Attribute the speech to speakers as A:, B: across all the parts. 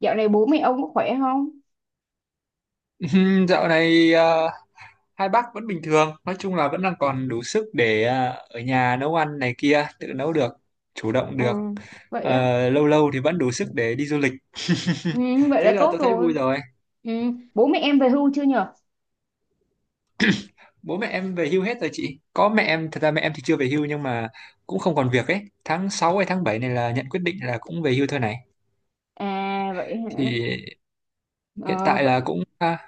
A: Dạo này bố mẹ ông có khỏe không?
B: Dạo này hai bác vẫn bình thường, nói chung là vẫn đang còn đủ sức để ở nhà nấu ăn này kia, tự nấu được, chủ động
A: Ừ.
B: được.
A: Vậy á.
B: Lâu lâu thì vẫn đủ sức để đi du lịch.
A: Ừ, vậy
B: Thế
A: là
B: là
A: tốt
B: tôi thấy
A: rồi.
B: vui rồi.
A: Ừ, bố mẹ em về hưu chưa nhở?
B: Bố mẹ em về hưu hết rồi chị. Có mẹ em, thật ra mẹ em thì chưa về hưu nhưng mà cũng không còn việc ấy. Tháng 6 hay tháng 7 này là nhận quyết định là cũng về hưu thôi này.
A: À vậy hả?
B: Thì hiện
A: Ờ,
B: tại
A: vậy
B: là cũng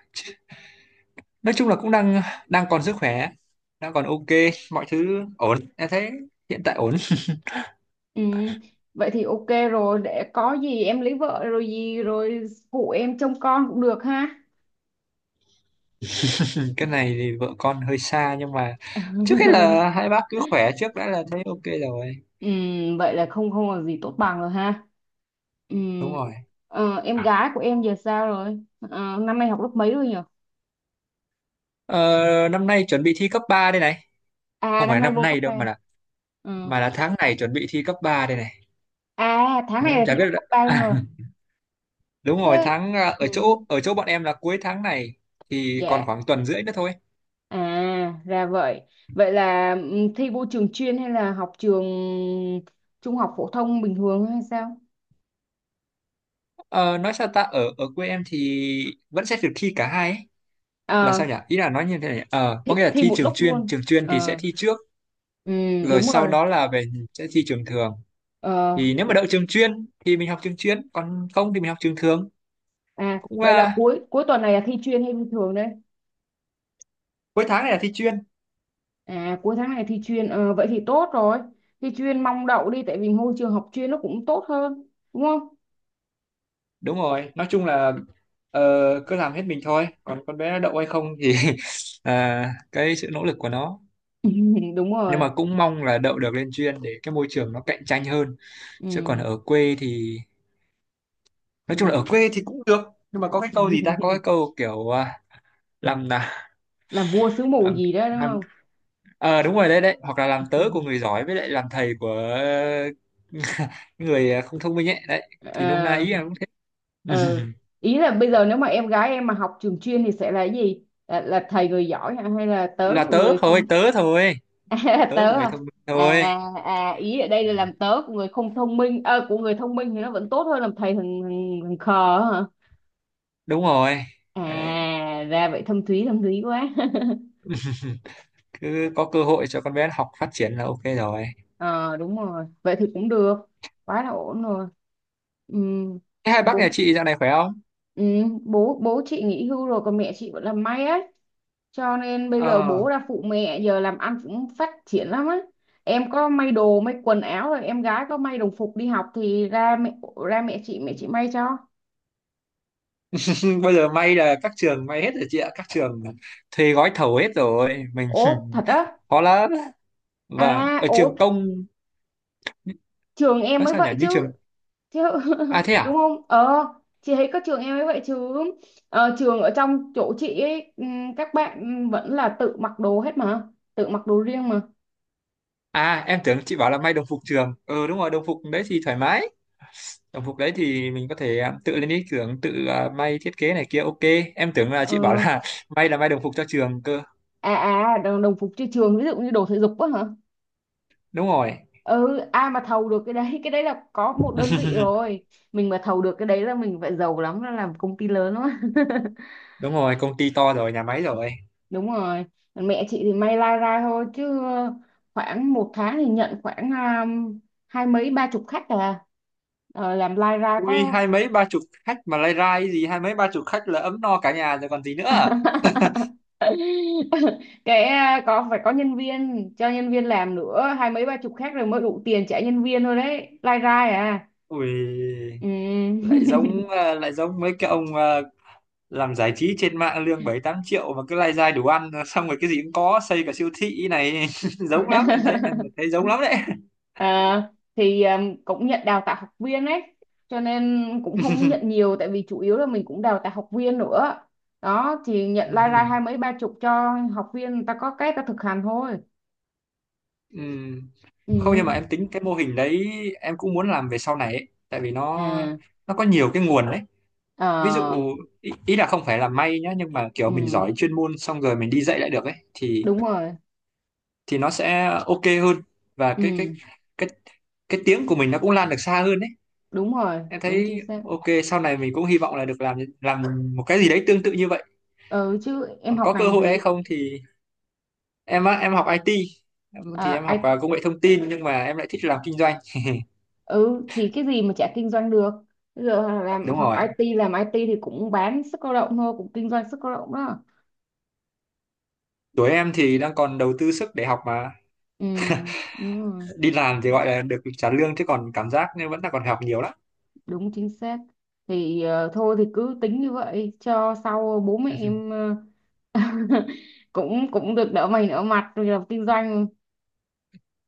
B: nói chung là cũng đang đang còn sức khỏe, đang còn ok, mọi thứ ổn. Em thấy hiện tại ổn.
A: ừ, vậy thì ok rồi, để có gì em lấy vợ rồi gì rồi phụ em trông con cũng được ha.
B: Cái này thì vợ con hơi xa nhưng mà trước hết là hai bác cứ khỏe trước đã là thấy ok rồi.
A: Ừ, vậy là không không là gì tốt bằng rồi ha. Ừ.
B: Đúng rồi.
A: Ờ, em gái của em giờ sao rồi? Ờ, năm nay học lớp mấy rồi nhở?
B: ờ, Năm nay chuẩn bị thi cấp 3 đây này.
A: À
B: Không
A: năm
B: phải
A: nay
B: năm
A: vô cấp
B: nay đâu mà
A: ba.
B: là
A: Ừ.
B: tháng này chuẩn bị thi cấp 3 đây này.
A: À tháng này
B: Nên
A: là
B: chả
A: thi
B: biết
A: vô
B: là-
A: cấp 3 luôn rồi.
B: đúng rồi
A: Thế, ừ,
B: ở chỗ bọn em là cuối tháng này, thì còn
A: dạ,
B: khoảng tuần rưỡi nữa thôi.
A: à ra vậy. Vậy là thi vô trường chuyên hay là học trường trung học phổ thông bình thường hay sao?
B: Ờ, nói sao ta, ở ở quê em thì vẫn sẽ được thi cả hai ấy. Là
A: Ờ,
B: sao nhỉ, ý là nói như thế này, có
A: thi,
B: nghĩa là
A: thi
B: thi
A: một
B: trường
A: lúc
B: chuyên,
A: luôn.
B: trường chuyên thì sẽ
A: Ờ,
B: thi trước,
A: ừ,
B: rồi
A: đúng
B: sau
A: rồi.
B: đó là về sẽ thi trường thường.
A: Ờ,
B: Thì nếu mà đậu
A: đủ-
B: trường chuyên thì mình học trường chuyên, còn không thì mình học trường thường.
A: à
B: cũng
A: vậy là
B: à,
A: cuối cuối tuần này là thi chuyên hay bình thường đấy?
B: Cuối tháng này là thi chuyên.
A: À cuối tháng này thi chuyên. Ờ, vậy thì tốt rồi, thi chuyên mong đậu đi tại vì môi trường học chuyên nó cũng tốt hơn đúng không?
B: Đúng rồi, nói chung là ờ, cứ làm hết mình thôi, còn con bé nó đậu hay không thì cái sự nỗ lực của nó.
A: Đúng
B: Nhưng
A: rồi.
B: mà cũng mong là đậu được lên chuyên để cái môi trường nó cạnh tranh hơn. Chứ còn
A: Ừ,
B: ở quê thì nói chung là ở
A: thì
B: quê thì cũng được. Nhưng mà có cái câu gì ta, có cái câu kiểu, làm là
A: làm vua xứ mù
B: làm
A: gì đó đúng
B: làm
A: không?
B: Ờ đúng rồi, đấy đấy, hoặc là làm tớ của người giỏi với lại làm thầy của người không thông minh ấy, đấy thì nôm na
A: ờ,
B: ý là cũng thế.
A: ờ. Ý là bây giờ nếu mà em gái em mà học trường chuyên thì sẽ là cái gì, là thầy người giỏi hả, hay là tớ
B: Là
A: của
B: tớ
A: người
B: thôi,
A: không?
B: tớ thôi,
A: À,
B: tớ
A: tớ
B: của người
A: à?
B: thông minh
A: À,
B: thôi.
A: à ý ở đây là làm tớ của người không thông minh của người thông minh thì nó vẫn tốt hơn làm thầy thằng khờ hả?
B: Đúng rồi đấy,
A: À ra vậy, thâm thúy quá.
B: cứ có cơ hội cho con bé học phát triển là ok rồi.
A: Ờ đúng rồi, vậy thì cũng được, quá là ổn rồi. Ừ.
B: Thế hai bác
A: bố
B: nhà chị dạo này khỏe không?
A: ừ. bố bố chị nghỉ hưu rồi còn mẹ chị vẫn làm may á, cho nên bây giờ
B: Ờ.
A: bố ra phụ mẹ, giờ làm ăn cũng phát triển lắm á. Em có may đồ may quần áo rồi em gái có may đồng phục đi học thì ra mẹ, ra mẹ chị may cho.
B: Bây giờ may là các trường may hết rồi chị ạ, các trường thuê gói thầu hết rồi mình
A: Ố thật á?
B: khó lắm,
A: À
B: và ở
A: ố,
B: trường công.
A: trường em
B: Nói
A: mới
B: sao nhỉ,
A: vậy
B: như
A: chứ.
B: trường.
A: chứ
B: À thế
A: Đúng
B: à?
A: không? Ờ, chị thấy có trường em mới vậy chứ. Ờ, trường ở trong chỗ chị ấy, các bạn vẫn là tự mặc đồ hết mà, tự mặc đồ riêng mà.
B: À, em tưởng chị bảo là may đồng phục trường. Ừ đúng rồi, đồng phục đấy thì thoải mái. Đồng phục đấy thì mình có thể tự lên ý tưởng. Tự may thiết kế này kia, ok. Em tưởng là chị bảo
A: Ờ,
B: là may là may đồng phục cho trường cơ.
A: à à đồng phục trên trường ví dụ như đồ thể dục á hả?
B: Đúng rồi.
A: Ừ, ai mà thầu được cái đấy, cái đấy là có một đơn vị rồi, mình mà thầu được cái đấy là mình phải giàu lắm, là làm công ty lớn lắm.
B: Đúng rồi, công ty to rồi, nhà máy rồi.
A: Đúng rồi. Còn mẹ chị thì may lai rai thôi chứ khoảng một tháng thì nhận khoảng um, hai mấy ba chục khách à. Ờ, làm lai ra
B: Ui,
A: có
B: hai mấy ba chục khách mà lai rai gì? Hai mấy ba chục khách là ấm no cả nhà rồi còn gì nữa.
A: cái có phải có nhân viên, cho nhân viên làm nữa, hai mấy ba chục khách rồi mới đủ tiền trả nhân viên thôi đấy, lai ra à.
B: Ui,
A: Ừ.
B: lại lại giống mấy cái ông, làm giải trí trên mạng lương 7 8 triệu mà cứ lai dai đủ ăn xong rồi cái gì cũng có, xây cả siêu thị này. Giống lắm, em thấy giống lắm đấy.
A: À, thì cũng nhận đào tạo học viên ấy, cho nên cũng không nhận nhiều tại vì chủ yếu là mình cũng đào tạo học viên nữa. Đó thì nhận lai rai
B: Ừ.
A: hai mấy ba chục cho học viên người ta có cái người ta thực hành thôi.
B: Ừ. Không, nhưng
A: Ừ.
B: mà em tính cái mô hình đấy, em cũng muốn làm về sau này ấy. Tại vì nó,
A: À.
B: có nhiều cái nguồn đấy.
A: Ờ.
B: Ví dụ ý là không phải là may nhá, nhưng mà kiểu
A: Ừ
B: mình giỏi chuyên môn xong rồi mình đi dạy lại được ấy thì,
A: đúng rồi.
B: nó sẽ ok hơn. Và
A: Ừ
B: cái cái tiếng của mình nó cũng lan được xa hơn đấy.
A: đúng rồi
B: Em
A: đúng chính
B: thấy
A: xác.
B: ok, sau này mình cũng hy vọng là được làm một cái gì đấy tương tự như vậy.
A: Ừ chứ em
B: Còn
A: học
B: có cơ
A: ngành
B: hội hay
A: gì?
B: không thì, em á em học IT. em, thì
A: À,
B: em học công nghệ thông tin, nhưng mà em lại thích làm kinh doanh.
A: ừ thì cái gì mà chả kinh doanh được, bây giờ làm
B: Đúng
A: học
B: rồi,
A: IT làm IT thì cũng bán sức lao động thôi, cũng kinh doanh sức lao động đó.
B: tuổi em thì đang còn đầu tư sức để học mà.
A: Ừ, đúng rồi,
B: Đi làm thì gọi là được trả lương, chứ còn cảm giác nên vẫn là còn học nhiều lắm.
A: đúng chính xác. Thì thôi thì cứ tính như vậy cho sau bố mẹ em ờ, cũng cũng được đỡ mày đỡ mặt rồi làm kinh doanh.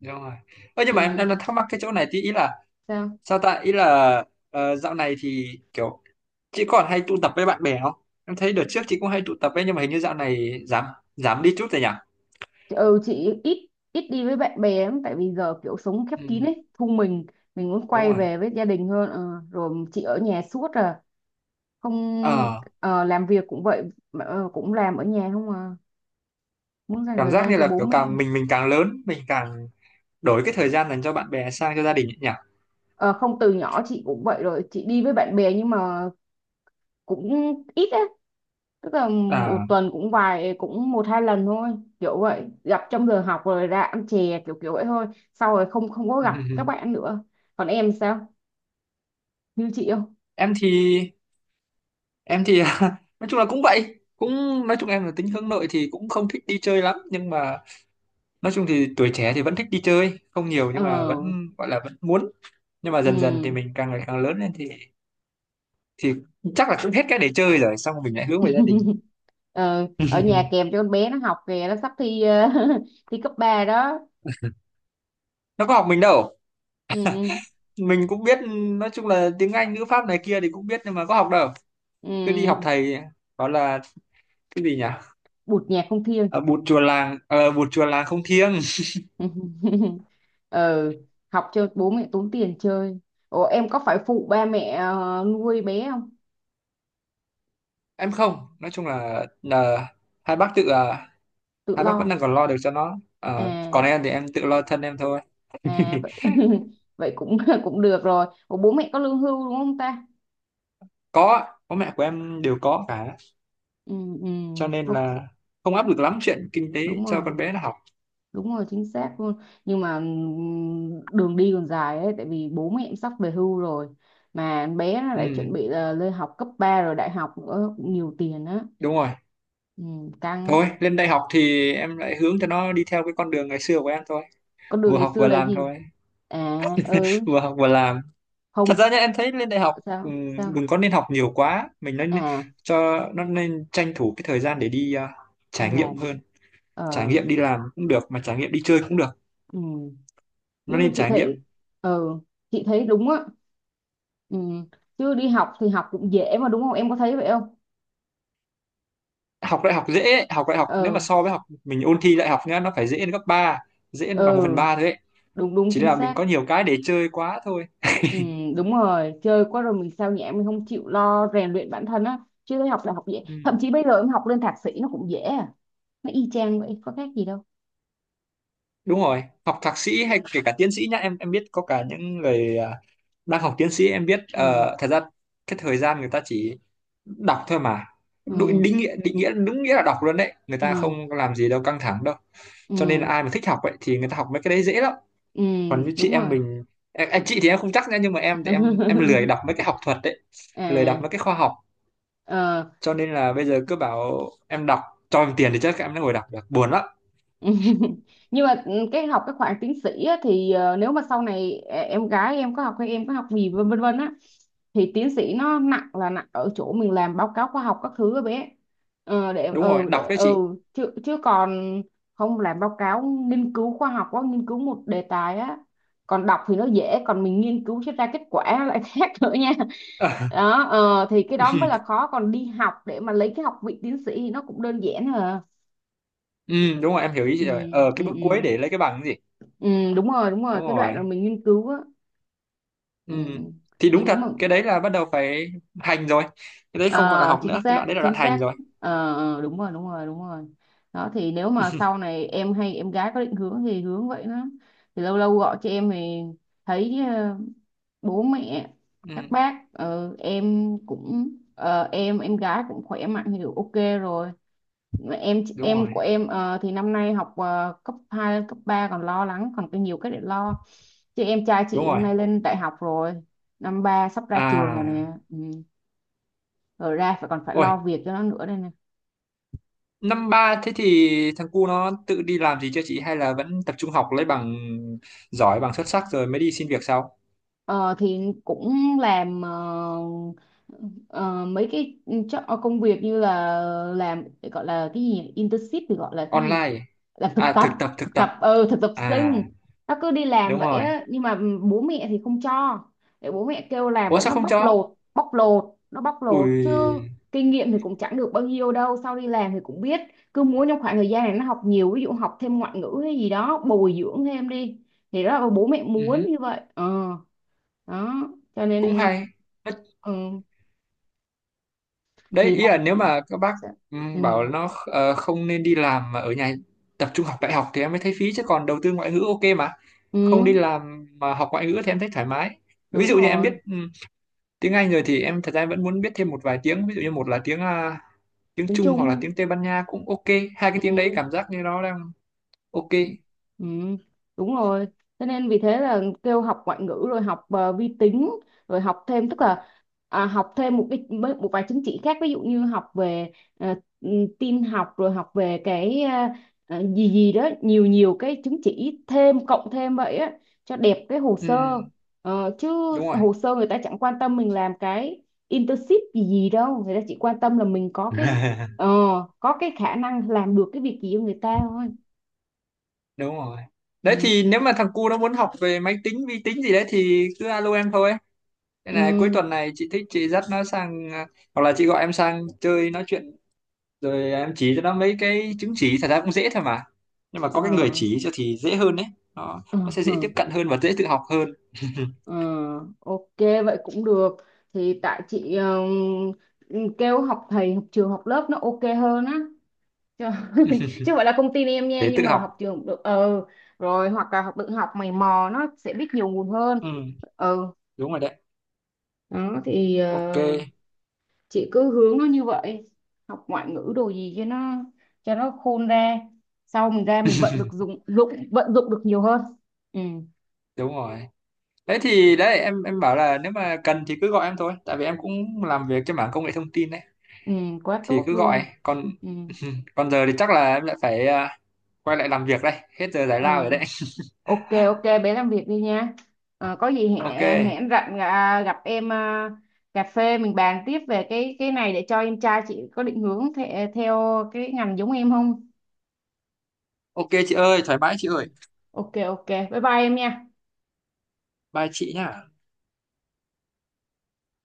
B: Đúng rồi. Ơ, nhưng mà em
A: Ừ,
B: em đang thắc mắc cái chỗ này tí, ý là
A: sao?
B: sao ta, ý là dạo này thì kiểu chị còn hay tụ tập với bạn bè không? Em thấy đợt trước chị cũng hay tụ tập ấy, nhưng mà hình như dạo này giảm, giảm đi chút rồi
A: Ừ chị ít ít đi với bạn bè lắm tại vì giờ kiểu sống khép kín
B: nhỉ.
A: ấy, thu mình muốn
B: Đúng
A: quay
B: rồi,
A: về với gia đình hơn. Ờ, rồi chị ở nhà suốt à? Không.
B: ờ
A: Ờ, làm việc cũng vậy, ờ, cũng làm ở nhà không à, muốn dành
B: cảm
A: thời
B: giác
A: gian
B: như
A: cho
B: là
A: bố
B: kiểu
A: mẹ.
B: càng mình càng lớn mình càng đổi cái thời gian dành cho bạn bè sang cho gia đình ấy nhỉ.
A: Ờ, không từ nhỏ chị cũng vậy rồi, chị đi với bạn bè nhưng mà cũng ít á, tức là
B: À.
A: một tuần cũng vài cũng một hai lần thôi, kiểu vậy gặp trong giờ học rồi ra ăn chè kiểu kiểu vậy thôi, sau rồi không không có gặp các bạn nữa. Còn em sao, như chị không?
B: em thì em thì nói chung là cũng vậy, cũng nói chung em là tính hướng nội thì cũng không thích đi chơi lắm, nhưng mà nói chung thì tuổi trẻ thì vẫn thích đi chơi, không nhiều nhưng mà
A: Ờ.
B: vẫn gọi là vẫn muốn. Nhưng mà dần dần thì
A: Ừ.
B: mình càng ngày càng lớn lên thì, thì chắc là cũng hết cái để chơi rồi, xong mình lại hướng về gia đình.
A: Ờ, ở nhà kèm cho con bé nó học kìa, nó sắp thi ờ, thi cấp 3 đó.
B: Nó có học mình đâu.
A: Ừ.
B: Mình cũng biết, nói chung là tiếng Anh ngữ pháp này kia thì cũng biết, nhưng mà có học đâu, cứ đi học
A: Ừ.
B: thầy. Đó là cái gì nhỉ,
A: Bụt nhạc không thiêng.
B: bụt chùa làng không thiêng.
A: Ừ. Học cho bố mẹ tốn tiền chơi. Ủa em có phải phụ ba mẹ nuôi bé không?
B: Em không, nói chung là hai bác tự
A: Tự
B: hai bác vẫn
A: lo
B: đang còn lo được cho nó. Ờ,
A: à.
B: còn em thì em tự lo thân em thôi.
A: À vậy, vậy cũng cũng được rồi, ủa bố mẹ có lương hưu đúng không ta?
B: Có, bố mẹ của em đều có cả,
A: Ừ. Ừ.
B: cho nên
A: Ô,
B: là không áp lực lắm chuyện kinh tế
A: đúng
B: cho con
A: rồi,
B: bé nó học.
A: đúng rồi chính xác luôn. Nhưng mà đường đi còn dài ấy tại vì bố mẹ em sắp về hưu rồi, mà bé nó lại chuẩn
B: Ừ
A: bị là lên học cấp 3 rồi đại học nữa cũng nhiều tiền á.
B: đúng rồi.
A: Ừ, căng á.
B: Thôi lên đại học thì em lại hướng cho nó đi theo cái con đường ngày xưa của em thôi.
A: Con đường
B: Vừa
A: ngày
B: học
A: xưa
B: vừa
A: là
B: làm
A: gì?
B: thôi.
A: À. Ừ.
B: Vừa học vừa làm. Thật
A: Không.
B: ra nhá, em thấy lên đại học ừ,
A: Sao sao?
B: đừng có nên học nhiều quá, mình nên
A: À
B: cho nó, nên tranh thủ cái thời gian để đi
A: đi
B: trải nghiệm
A: làm.
B: hơn. Trải
A: Ờ.
B: nghiệm đi làm cũng được, mà trải nghiệm đi chơi cũng được.
A: Ừ.
B: Nó
A: Chứ
B: nên
A: chị
B: trải nghiệm.
A: thấy ờ chị thấy đúng á. Ừ. Chứ đi học thì học cũng dễ mà đúng không, em có thấy vậy không?
B: Học đại học dễ ấy. Học đại học nếu mà
A: Ờ.
B: so với học mình ôn thi đại học nhá, nó phải dễ đến gấp ba, dễ đến bằng
A: Ờ
B: một phần ba thôi ấy.
A: đúng đúng
B: Chỉ
A: chính
B: là mình
A: xác.
B: có nhiều cái để chơi quá thôi.
A: Ừ, đúng rồi, chơi quá rồi mình sao nhãng, mình không chịu lo rèn luyện bản thân á, chứ thấy học là học dễ,
B: Ừ.
A: thậm chí bây giờ em học lên thạc sĩ nó cũng dễ à, nó y chang vậy có khác gì đâu.
B: Đúng rồi, học thạc sĩ hay kể cả tiến sĩ nhá, em biết có cả những người, đang học tiến sĩ. Em biết
A: Ừ.
B: ờ, thật ra cái thời gian người ta chỉ đọc thôi mà.
A: Ừ.
B: Định nghĩa đúng nghĩa là đọc luôn đấy, người
A: Ừ.
B: ta không làm gì đâu, căng thẳng đâu.
A: Ừ.
B: Cho nên là ai mà thích học vậy thì người ta học mấy cái đấy dễ lắm.
A: Ừ
B: Còn như chị
A: đúng
B: em
A: rồi.
B: mình, em chị thì em không chắc nữa, nhưng mà em thì em lười đọc mấy cái học thuật đấy, lười đọc
A: À.
B: mấy cái khoa học.
A: Ờ.
B: Cho nên là bây giờ cứ bảo em đọc, cho em tiền thì chắc em đã ngồi đọc được, buồn lắm.
A: Nhưng mà cái học cái khoảng tiến sĩ á, thì ờ, nếu mà sau này em gái em có học hay em có học gì vân vân vân á, thì tiến sĩ nó nặng là nặng ở chỗ mình làm báo cáo khoa học các thứ á bé, ờ,
B: Đúng rồi,
A: để
B: đọc đấy
A: ừ
B: chị.
A: chứ chứ còn không, làm báo cáo nghiên cứu khoa học quá, nghiên cứu một đề tài á, còn đọc thì nó dễ còn mình nghiên cứu cho ra kết quả nó lại khác nữa nha.
B: Ờ.
A: Đó ờ, thì cái đó mới là khó, còn đi học để mà lấy cái học vị tiến sĩ thì nó cũng đơn giản hả.
B: Ừ, đúng rồi em hiểu ý
A: Ừ.
B: chị rồi,
A: Ừ.
B: cái bước
A: Ừ.
B: cuối để lấy cái bằng cái gì.
A: Ừ, đúng rồi
B: Đúng
A: cái đoạn mà
B: rồi.
A: mình nghiên cứu á.
B: Ừ.
A: Ừ.
B: Thì
A: Thì
B: đúng
A: nếu
B: thật,
A: mà
B: cái đấy là bắt đầu phải hành rồi. Cái đấy không còn là
A: ờ,
B: học
A: chính
B: nữa, cái đoạn
A: xác
B: đấy là
A: chính
B: đoạn hành
A: xác.
B: rồi.
A: Ờ, ờ, đúng rồi đúng rồi đúng rồi. Đó thì nếu mà sau này em hay em gái có định hướng thì hướng vậy đó, thì lâu lâu gọi cho em thì thấy ờ, bố mẹ
B: Ừ,
A: các bác ờ, em cũng ờ, em gái cũng khỏe mạnh thì ok rồi. em
B: đúng
A: em
B: rồi,
A: của em ờ, thì năm nay học ờ, cấp 2 cấp 3 còn lo lắng, còn có nhiều cái để lo, chứ em trai
B: đúng
A: chị hôm
B: rồi.
A: nay lên đại học rồi, năm ba sắp ra trường rồi
B: À,
A: nè. Ừ. Rồi ra phải còn phải
B: ôi,
A: lo việc cho nó nữa đây nè.
B: năm ba thế thì thằng cu nó tự đi làm gì chưa chị, hay là vẫn tập trung học lấy bằng giỏi, bằng xuất sắc rồi mới đi xin việc sau?
A: Ờ, thì cũng làm ờ, ờ, mấy cái ờ, công việc như là làm, gọi là cái gì nhỉ? Internship thì gọi là cái gì,
B: Online.
A: làm thực
B: À,
A: tập,
B: thực tập, thực
A: thực
B: tập.
A: tập ừ thực tập
B: À,
A: sinh. Nó cứ đi làm
B: đúng
A: vậy
B: rồi.
A: á nhưng mà bố mẹ thì không cho, để bố mẹ kêu làm
B: Ủa
A: vậy
B: sao
A: nó
B: không
A: bóc
B: cho?
A: lột bóc lột, nó bóc lột chứ.
B: Ui,
A: Kinh nghiệm thì cũng chẳng được bao nhiêu đâu, sau đi làm thì cũng biết. Cứ muốn trong khoảng thời gian này nó học nhiều, ví dụ học thêm ngoại ngữ hay gì đó bồi dưỡng thêm đi, thì đó là bố mẹ muốn
B: ừ
A: như vậy ờ. Đó cho
B: cũng
A: nên
B: hay.
A: ừ,
B: Đấy,
A: thì
B: ý
A: làm
B: là nếu mà các bác bảo
A: ừ,
B: nó, không nên đi làm mà ở nhà tập trung học đại học thì em mới thấy phí, chứ còn đầu tư ngoại ngữ ok mà.
A: ừ
B: Không đi làm mà học ngoại ngữ thì em thấy thoải mái. Ví
A: đúng
B: dụ như em biết
A: rồi,
B: tiếng Anh rồi thì em, thật ra em vẫn muốn biết thêm một vài tiếng, ví dụ như một là tiếng
A: tiếng
B: Trung, hoặc là
A: Trung.
B: tiếng Tây Ban Nha cũng ok. Hai cái tiếng đấy
A: Ừ.
B: cảm giác như nó đang ok.
A: Ừ, đúng rồi. Thế nên vì thế là kêu học ngoại ngữ rồi học ờ, vi tính rồi học thêm, tức là à, học thêm một cái một vài chứng chỉ khác, ví dụ như học về ờ, ừ, tin học rồi học về cái ờ, ờ, gì gì đó nhiều nhiều cái chứng chỉ thêm cộng thêm vậy á, cho đẹp cái hồ sơ.
B: Ừm,
A: Ờ, chứ
B: Đúng rồi.
A: hồ sơ người ta chẳng quan tâm mình làm cái internship gì gì đâu, người ta chỉ quan tâm là mình có cái ờ, có cái khả năng làm được cái việc gì cho người ta thôi.
B: Đúng rồi
A: Ừ.
B: đấy, thì nếu mà thằng cu nó muốn học về máy tính vi tính gì đấy thì cứ alo em thôi. Thế này cuối
A: Ừ,
B: tuần này chị thích chị dắt nó sang, hoặc là chị gọi em sang chơi nói chuyện, rồi em chỉ cho nó mấy cái chứng chỉ, thật ra cũng dễ thôi mà, nhưng mà
A: ờ,
B: có cái người chỉ cho thì dễ hơn đấy, nó
A: ờ,
B: nó sẽ dễ tiếp cận hơn và dễ tự học hơn.
A: ờ, ok vậy cũng được, thì tại chị ờ, ừ, kêu học thầy học trường học lớp nó ok hơn á chứ, chứ không phải là công ty em nha
B: Để tự
A: nhưng mà
B: học.
A: học trường cũng được ờ, rồi hoặc là học tự học mày mò nó sẽ biết nhiều nguồn hơn.
B: Ừ,
A: Ừ.
B: đúng rồi đấy,
A: Đó thì
B: ok.
A: ờ, chị cứ hướng nó như vậy, học ngoại ngữ đồ gì cho nó, cho nó khôn ra, sau mình ra mình vận được dụng dụng vận dụng được nhiều hơn. Ừ.
B: Đúng rồi đấy, thì đấy em bảo là nếu mà cần thì cứ gọi em thôi, tại vì em cũng làm việc trên mảng công nghệ thông tin đấy,
A: Ừ, quá
B: thì
A: tốt
B: cứ
A: luôn.
B: gọi. Còn
A: Ừ,
B: còn giờ thì chắc là em lại phải quay lại làm việc đây, hết giờ giải
A: ừ.
B: lao rồi đấy.
A: Ok, ok, bé làm việc đi nha. Ờ, có gì hẹn
B: Ok.
A: à, hẹn rảnh à, gặp em à, cà phê mình bàn tiếp về cái này để cho em trai chị có định hướng theo cái ngành giống em không?
B: Ok chị ơi, thoải mái chị
A: Ừ.
B: ơi.
A: Ok, ok, bye bye em nha.
B: Bye chị nhá.